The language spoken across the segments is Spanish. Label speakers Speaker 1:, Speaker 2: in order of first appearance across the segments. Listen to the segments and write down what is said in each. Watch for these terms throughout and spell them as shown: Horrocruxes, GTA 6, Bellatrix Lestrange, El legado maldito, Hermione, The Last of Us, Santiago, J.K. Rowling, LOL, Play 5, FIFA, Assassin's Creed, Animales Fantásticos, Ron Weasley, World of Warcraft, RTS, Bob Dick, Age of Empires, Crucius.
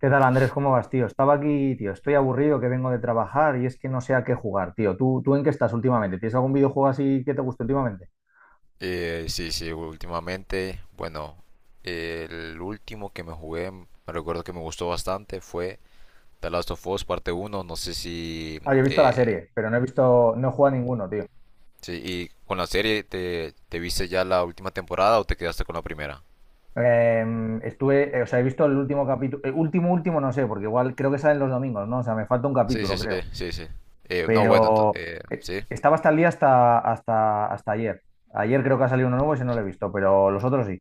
Speaker 1: ¿Qué tal, Andrés? ¿Cómo vas, tío? Estaba aquí, tío. Estoy aburrido que vengo de trabajar y es que no sé a qué jugar, tío. ¿Tú en qué estás últimamente? ¿Tienes algún videojuego así que te guste últimamente?
Speaker 2: Sí, sí, últimamente, bueno, el último que me jugué, me recuerdo que me gustó bastante, fue The Last of Us parte uno. No sé si...
Speaker 1: Ah, yo he visto la
Speaker 2: eh,
Speaker 1: serie, pero no he jugado a ninguno, tío.
Speaker 2: sí, y con la serie, ¿te viste ya la última temporada o te quedaste con la primera?
Speaker 1: Estuve, o sea, he visto el último capítulo, último, último, no sé, porque igual creo que salen los domingos, ¿no? O sea, me falta un
Speaker 2: Sí,
Speaker 1: capítulo,
Speaker 2: sí, sí,
Speaker 1: creo.
Speaker 2: sí, sí. No, bueno,
Speaker 1: Pero
Speaker 2: sí.
Speaker 1: estaba hasta el día, hasta ayer. Ayer creo que ha salido uno nuevo y ese no lo he visto, pero los otros sí.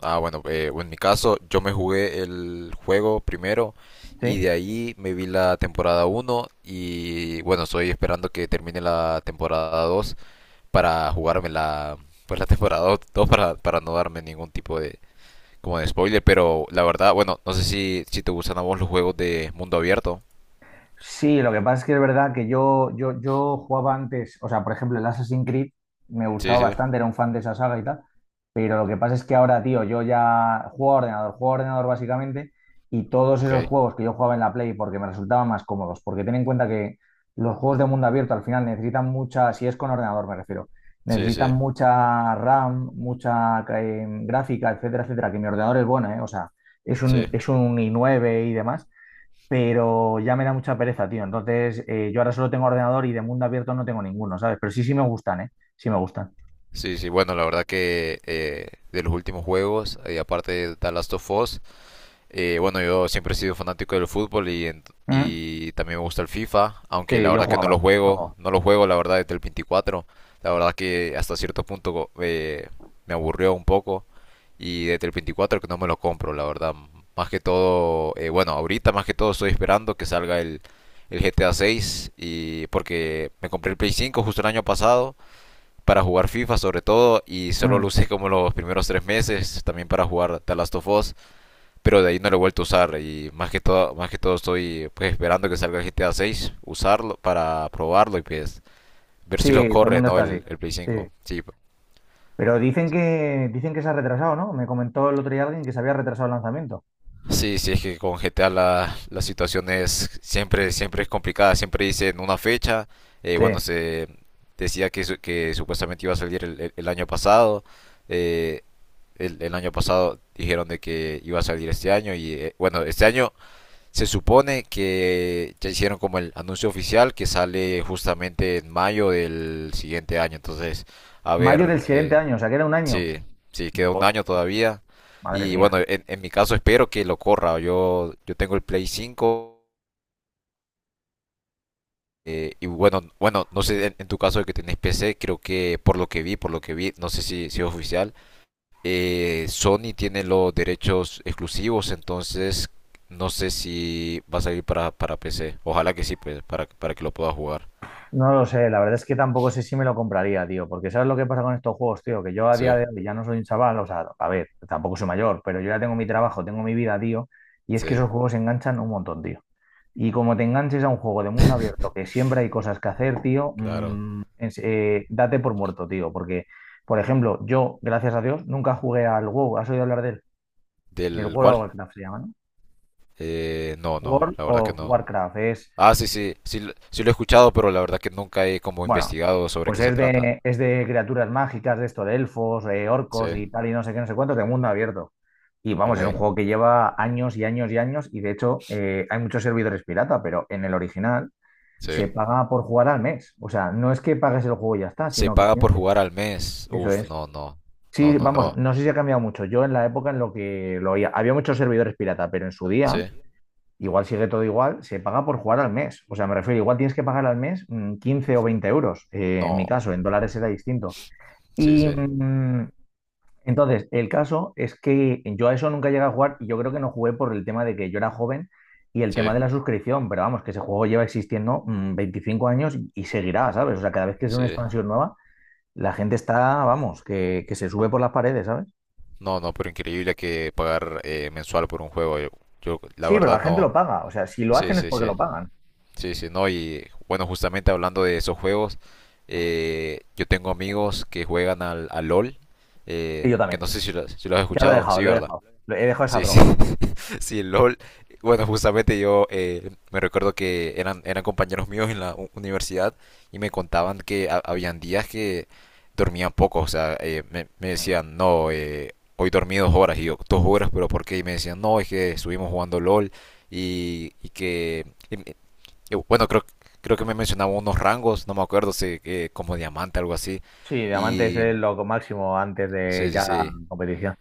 Speaker 2: Ah, bueno, bueno, en mi caso, yo me jugué el juego primero y
Speaker 1: ¿Sí?
Speaker 2: de ahí me vi la temporada uno, y bueno, estoy esperando que termine la temporada 2. Para jugarme la, pues, la temporada 2 para, no darme ningún tipo de, como de spoiler, pero la verdad, bueno, no sé si, te gustan a vos los juegos de mundo abierto.
Speaker 1: Sí, lo que pasa es que es verdad que yo jugaba antes, o sea, por ejemplo, el Assassin's Creed me
Speaker 2: Sí,
Speaker 1: gustaba
Speaker 2: sí,
Speaker 1: bastante, era un fan de esa saga y tal, pero lo que pasa es que ahora, tío, yo ya juego a ordenador básicamente, y todos esos
Speaker 2: ok.
Speaker 1: juegos que yo jugaba en la Play porque me resultaban más cómodos, porque ten en cuenta que los juegos de mundo abierto al final necesitan mucha, si es con ordenador me refiero,
Speaker 2: Sí,
Speaker 1: necesitan
Speaker 2: sí,
Speaker 1: mucha RAM, mucha gráfica, etcétera, etcétera, que mi ordenador es bueno, ¿eh? O sea, es
Speaker 2: sí.
Speaker 1: un, es un i9 y demás, pero ya me da mucha pereza, tío. Entonces, yo ahora solo tengo ordenador y de mundo abierto no tengo ninguno, ¿sabes? Pero sí, sí me gustan, ¿eh? Sí me gustan.
Speaker 2: Sí, sí, bueno, la verdad que, de los últimos juegos, aparte de The Last of Us, bueno, yo siempre he sido fanático del fútbol
Speaker 1: Mm.
Speaker 2: y también me gusta el FIFA,
Speaker 1: Sí,
Speaker 2: aunque la
Speaker 1: yo
Speaker 2: verdad que
Speaker 1: jugaba, yo jugaba.
Speaker 2: no lo juego la verdad desde el 24. La verdad que hasta cierto punto, me aburrió un poco y desde el 24 que no me lo compro, la verdad. Más que todo, bueno, ahorita más que todo estoy esperando que salga el GTA 6. Y porque me compré el Play 5 justo el año pasado para jugar FIFA sobre todo, y solo
Speaker 1: Mm.
Speaker 2: lo usé como los primeros 3 meses, también para jugar The Last of Us, pero de ahí no lo he vuelto a usar. Y más que todo, estoy, pues, esperando que salga el GTA 6, usarlo para probarlo y, pues, ver
Speaker 1: Sí,
Speaker 2: si lo
Speaker 1: todo el
Speaker 2: corre,
Speaker 1: mundo
Speaker 2: ¿no?
Speaker 1: está así.
Speaker 2: El Play
Speaker 1: Sí.
Speaker 2: 5. Sí,
Speaker 1: Pero dicen que se ha retrasado, ¿no? Me comentó el otro día alguien que se había retrasado el lanzamiento.
Speaker 2: sí, sí, es que con GTA la, situación es siempre, siempre es complicada, siempre dicen una fecha. Bueno,
Speaker 1: Sí.
Speaker 2: se decía que, que supuestamente iba a salir el año pasado. eh, el año pasado dijeron de que iba a salir este año, y bueno, este año se supone que ya hicieron como el anuncio oficial que sale justamente en mayo del siguiente año. Entonces, a
Speaker 1: Mayo
Speaker 2: ver,
Speaker 1: del siguiente año, o sea, que era un año.
Speaker 2: sí, sí, queda un
Speaker 1: Buah,
Speaker 2: año todavía.
Speaker 1: madre
Speaker 2: Y
Speaker 1: mía.
Speaker 2: bueno, en mi caso espero que lo corra. Yo tengo el Play 5, y bueno, no sé, en tu caso de que tenés PC, creo que por lo que vi, no sé si, es oficial, Sony tiene los derechos exclusivos, entonces no sé si va a salir para, PC. Ojalá que sí, pues, para, que lo pueda jugar.
Speaker 1: No lo sé, la verdad es que tampoco sé si me lo compraría, tío, porque ¿sabes lo que pasa con estos juegos, tío? Que yo a día
Speaker 2: Sí,
Speaker 1: de hoy ya no soy un chaval, o sea, a ver, tampoco soy mayor, pero yo ya tengo mi trabajo, tengo mi vida, tío, y es que
Speaker 2: sí,
Speaker 1: esos juegos enganchan un montón, tío. Y como te enganches a un juego de mundo abierto, que siempre hay cosas que hacer, tío,
Speaker 2: claro.
Speaker 1: date por muerto, tío, porque, por ejemplo, yo, gracias a Dios, nunca jugué al WoW. ¿Has oído hablar de él? El
Speaker 2: ¿Del
Speaker 1: World of
Speaker 2: cuál?
Speaker 1: Warcraft se llama, ¿no?
Speaker 2: No, no,
Speaker 1: World
Speaker 2: la verdad que
Speaker 1: of
Speaker 2: no.
Speaker 1: Warcraft, es
Speaker 2: Ah, sí, sí, sí, sí lo he escuchado, pero la verdad que nunca he como
Speaker 1: bueno,
Speaker 2: investigado sobre
Speaker 1: pues
Speaker 2: qué se
Speaker 1: es
Speaker 2: trata.
Speaker 1: de, es de criaturas mágicas, de esto, de elfos,
Speaker 2: Sí,
Speaker 1: orcos y tal, y no sé qué, no sé cuánto, de mundo abierto. Y vamos,
Speaker 2: ok,
Speaker 1: es un juego que lleva años y años y años, y de hecho hay muchos servidores pirata, pero en el original se
Speaker 2: sí.
Speaker 1: paga por jugar al mes. O sea, no es que pagues el juego y ya está,
Speaker 2: Se
Speaker 1: sino que
Speaker 2: paga
Speaker 1: tienes
Speaker 2: por
Speaker 1: que...
Speaker 2: jugar al mes.
Speaker 1: Eso
Speaker 2: Uf,
Speaker 1: es.
Speaker 2: no, no, no,
Speaker 1: Sí,
Speaker 2: no,
Speaker 1: vamos,
Speaker 2: no.
Speaker 1: no sé si ha cambiado mucho. Yo en la época en lo que lo oía, había muchos servidores pirata, pero en su día,
Speaker 2: Sí,
Speaker 1: igual sigue todo igual, se paga por jugar al mes. O sea, me refiero, igual tienes que pagar al mes 15 o 20 euros. En mi
Speaker 2: no,
Speaker 1: caso, en dólares era distinto.
Speaker 2: sí,
Speaker 1: Y
Speaker 2: sí,
Speaker 1: entonces, el caso es que yo a eso nunca llegué a jugar y yo creo que no jugué por el tema de que yo era joven y el
Speaker 2: sí,
Speaker 1: tema de la suscripción. Pero vamos, que ese juego lleva existiendo 25 años y seguirá, ¿sabes? O sea, cada vez que es una
Speaker 2: sí.
Speaker 1: expansión nueva, la gente está, vamos, que se sube por las paredes, ¿sabes?
Speaker 2: No, no, pero increíble que pagar, mensual por un juego. Yo, la
Speaker 1: Sí, pero la
Speaker 2: verdad
Speaker 1: gente
Speaker 2: no.
Speaker 1: lo paga. O sea, si lo
Speaker 2: Sí,
Speaker 1: hacen es
Speaker 2: sí,
Speaker 1: porque
Speaker 2: sí.
Speaker 1: lo pagan.
Speaker 2: Sí, sí, no. Y bueno, justamente hablando de esos juegos, yo tengo amigos que juegan al LOL,
Speaker 1: Sí, yo
Speaker 2: que
Speaker 1: también.
Speaker 2: no sé si lo, has
Speaker 1: Ya lo he
Speaker 2: escuchado,
Speaker 1: dejado,
Speaker 2: sí,
Speaker 1: lo he
Speaker 2: ¿verdad?
Speaker 1: dejado. He dejado esa
Speaker 2: Sí, sí.
Speaker 1: droga.
Speaker 2: Sí, LOL. Bueno, justamente yo, me recuerdo que eran compañeros míos en la universidad, y me contaban que habían días que dormían poco. O sea, me
Speaker 1: Mm.
Speaker 2: decían, no, hoy dormí 2 horas. Y yo, 2 horas, pero ¿por qué? Y me decían, no, es que estuvimos jugando LOL, y, y que... y me- y bueno, creo que me mencionaban unos rangos, no me acuerdo, sé, como diamante, algo así.
Speaker 1: Sí, diamante es
Speaker 2: Y...
Speaker 1: lo máximo antes de
Speaker 2: Sí, sí,
Speaker 1: ya la
Speaker 2: sí.
Speaker 1: competición.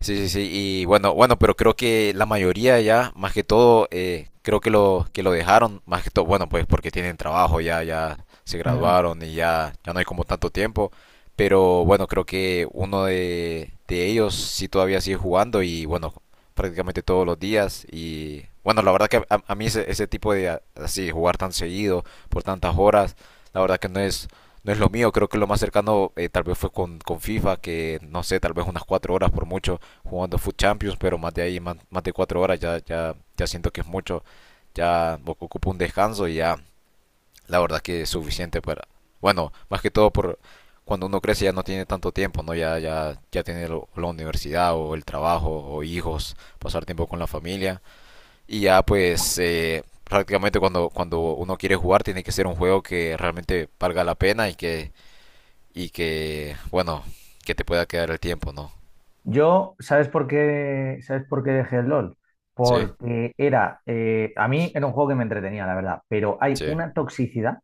Speaker 2: Sí, sí, sí, y bueno, pero creo que la mayoría ya, más que todo, creo que lo dejaron, más que todo, bueno, pues porque tienen trabajo, ya, se
Speaker 1: Mm.
Speaker 2: graduaron, y ya, no hay como tanto tiempo, pero bueno, creo que uno de ellos sí todavía sigue jugando y bueno, prácticamente todos los días. Y bueno, la verdad que a mí ese, tipo de, así jugar tan seguido por tantas horas, la verdad que no es lo mío. Creo que lo más cercano, tal vez fue con, FIFA, que no sé, tal vez unas 4 horas por mucho, jugando Food Champions, pero más de ahí, más, de 4 horas, ya, ya, siento que es mucho, ya ocupo un descanso y ya la verdad que es suficiente para, bueno, más que todo por cuando uno crece ya no tiene tanto tiempo, ¿no? Ya, ya, tiene la universidad o el trabajo o hijos, pasar tiempo con la familia. Y ya, pues, prácticamente cuando, uno quiere jugar tiene que ser un juego que realmente valga la pena y que, bueno, que te pueda quedar el tiempo, ¿no?
Speaker 1: Yo, ¿sabes por qué? ¿Sabes por qué dejé el LOL?
Speaker 2: Sí,
Speaker 1: Porque era, a mí era un juego que me entretenía, la verdad, pero hay
Speaker 2: sí,
Speaker 1: una toxicidad, o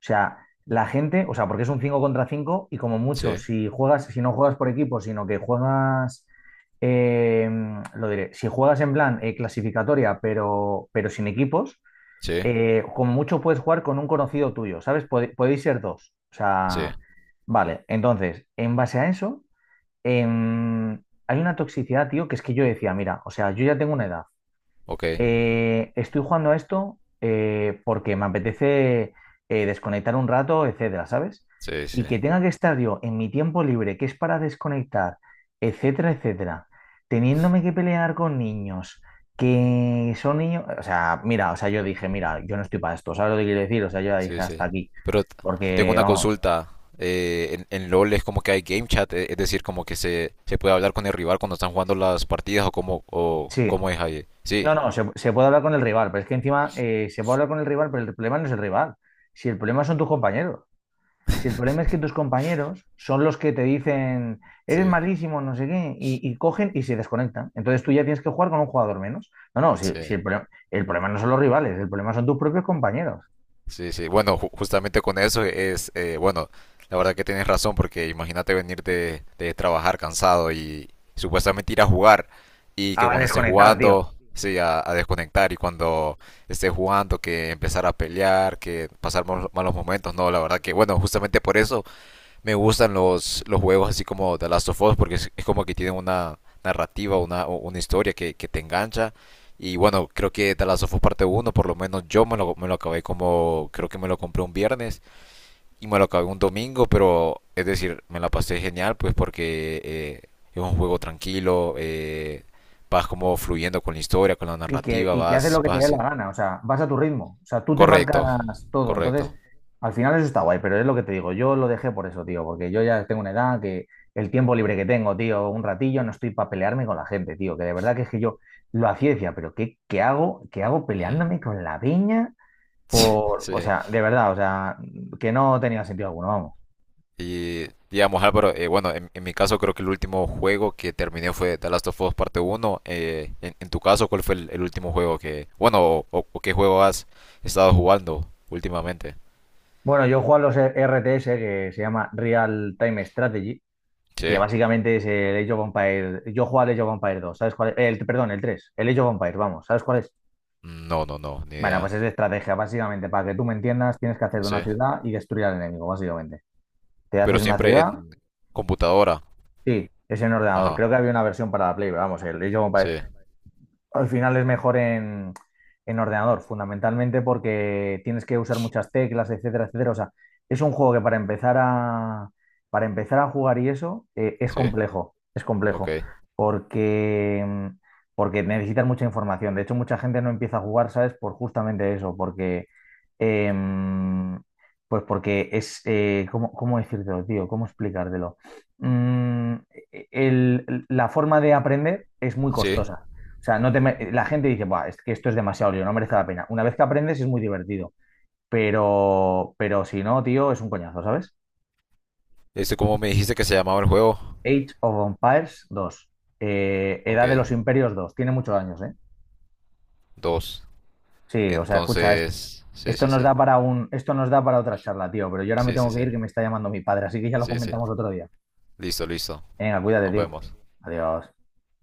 Speaker 1: sea, la gente, o sea, porque es un 5 contra 5 y como mucho,
Speaker 2: sí,
Speaker 1: si juegas, si no juegas por equipo, sino que juegas, eh, lo diré, si juegas en plan clasificatoria, pero sin equipos,
Speaker 2: sí.
Speaker 1: como mucho puedes jugar con un conocido tuyo, ¿sabes? Podéis ser dos. O
Speaker 2: Sí,
Speaker 1: sea, vale. Entonces, en base a eso, em, hay una toxicidad, tío, que es que yo decía, mira, o sea, yo ya tengo una edad.
Speaker 2: ok.
Speaker 1: Estoy jugando a esto porque me apetece desconectar un rato, etcétera, ¿sabes?
Speaker 2: Sí, sí,
Speaker 1: Y que tenga que estar yo en mi tiempo libre, que es para desconectar, etcétera, etcétera, teniéndome que pelear con niños que son niños, o sea, mira, o sea, yo dije, mira, yo no estoy para esto, ¿sabes lo que quiero decir? O sea, yo ya dije
Speaker 2: sí,
Speaker 1: hasta
Speaker 2: sí.
Speaker 1: aquí,
Speaker 2: Pero tengo
Speaker 1: porque
Speaker 2: una
Speaker 1: vamos,
Speaker 2: consulta. En LOL es como que hay game chat, es decir, como que se, puede hablar con el rival cuando están jugando las partidas, o cómo,
Speaker 1: sí,
Speaker 2: es ahí. Sí,
Speaker 1: no, no, se puede hablar con el rival, pero es que encima se puede hablar con el rival, pero el problema no es el rival, si el problema son tus compañeros. Si el problema es que tus compañeros son los que te dicen, eres
Speaker 2: sí,
Speaker 1: malísimo, no sé qué, y cogen y se desconectan. Entonces tú ya tienes que jugar con un jugador menos. No, no, si
Speaker 2: sí.
Speaker 1: el problema no son los rivales, el problema son tus propios compañeros.
Speaker 2: Sí, sí, bueno, justamente con eso es, bueno, la verdad que tienes razón, porque imagínate venir de, trabajar cansado y supuestamente ir a jugar, y que
Speaker 1: A
Speaker 2: cuando estés
Speaker 1: desconectar, tío.
Speaker 2: jugando, sí, a, desconectar, y cuando estés jugando que empezar a pelear, que pasar malos momentos, no, la verdad que, bueno, justamente por eso me gustan los, juegos así como The Last of Us, porque es, como que tienen una narrativa, una historia que, te engancha. Y bueno, creo que The Last of Us parte uno, por lo menos yo me lo acabé como, creo que me lo compré un viernes y me lo acabé un domingo, pero es decir, me la pasé genial, pues porque, es un juego tranquilo, vas como fluyendo con la historia, con la
Speaker 1: y que,
Speaker 2: narrativa,
Speaker 1: y que haces
Speaker 2: vas,
Speaker 1: lo que te dé la
Speaker 2: hacia-
Speaker 1: gana, o sea, vas a tu ritmo, o sea, tú te
Speaker 2: Correcto,
Speaker 1: marcas todo, entonces,
Speaker 2: correcto.
Speaker 1: al final eso está guay, pero es lo que te digo, yo lo dejé por eso, tío, porque yo ya tengo una edad que el tiempo libre que tengo, tío, un ratillo, no estoy para pelearme con la gente, tío, que de verdad que es que yo lo hacía y decía, pero ¿qué hago? ¿Qué hago
Speaker 2: Mm.
Speaker 1: peleándome con la peña? O
Speaker 2: Sí,
Speaker 1: sea, de verdad, o sea, que no tenía sentido alguno, vamos.
Speaker 2: y digamos, Álvaro, bueno, en mi caso creo que el último juego que terminé fue The Last of Us Parte Uno. En tu caso, ¿cuál fue el último juego que, bueno, o qué juego has estado jugando últimamente?
Speaker 1: Bueno, yo juego a los RTS, que se llama Real Time Strategy, que
Speaker 2: Sí.
Speaker 1: básicamente es el Age of Empires. Yo juego al Age of Empires 2, ¿sabes cuál es? El, perdón, el 3, el Age of Empires, vamos, ¿sabes cuál es?
Speaker 2: No, no, no, ni
Speaker 1: Bueno, pues
Speaker 2: idea.
Speaker 1: es de estrategia, básicamente, para que tú me entiendas, tienes que hacer de
Speaker 2: Sí.
Speaker 1: una ciudad y destruir al enemigo, básicamente. Te
Speaker 2: Pero
Speaker 1: haces una
Speaker 2: siempre
Speaker 1: ciudad,
Speaker 2: en computadora.
Speaker 1: sí, es en ordenador.
Speaker 2: Ajá.
Speaker 1: Creo que había una versión para la Play, pero vamos, el Age of
Speaker 2: Sí,
Speaker 1: Empires al final es mejor en, ordenador, fundamentalmente porque tienes que usar muchas teclas, etcétera, etcétera. O sea, es un juego que para empezar a jugar y eso
Speaker 2: sí.
Speaker 1: es
Speaker 2: Ok.
Speaker 1: complejo, porque, porque necesitas mucha información. De hecho, mucha gente no empieza a jugar, ¿sabes? Por justamente eso, porque, em, pues porque es, ¿cómo decírtelo, tío? ¿Cómo explicártelo? Mm, la forma de aprender es muy
Speaker 2: Sí.
Speaker 1: costosa. O sea, no te me- la gente dice, buah, es que esto es demasiado lío, no merece la pena. Una vez que aprendes es muy divertido, pero si no, tío, es un coñazo, ¿sabes?
Speaker 2: Este, ¿cómo me dijiste que se llamaba el juego?
Speaker 1: Age of Empires 2,
Speaker 2: Ok.
Speaker 1: Edad de los Imperios 2, tiene muchos años, ¿eh?
Speaker 2: Dos.
Speaker 1: Sí, o sea, escucha,
Speaker 2: Entonces, sí, sí, sí.
Speaker 1: esto nos da para otra charla, tío, pero yo ahora me
Speaker 2: Sí, sí,
Speaker 1: tengo que
Speaker 2: sí.
Speaker 1: ir que me está llamando mi padre, así que ya lo
Speaker 2: Sí, sí.
Speaker 1: comentamos otro día.
Speaker 2: Listo, listo.
Speaker 1: Venga, cuídate,
Speaker 2: Nos
Speaker 1: tío.
Speaker 2: vemos.
Speaker 1: Adiós.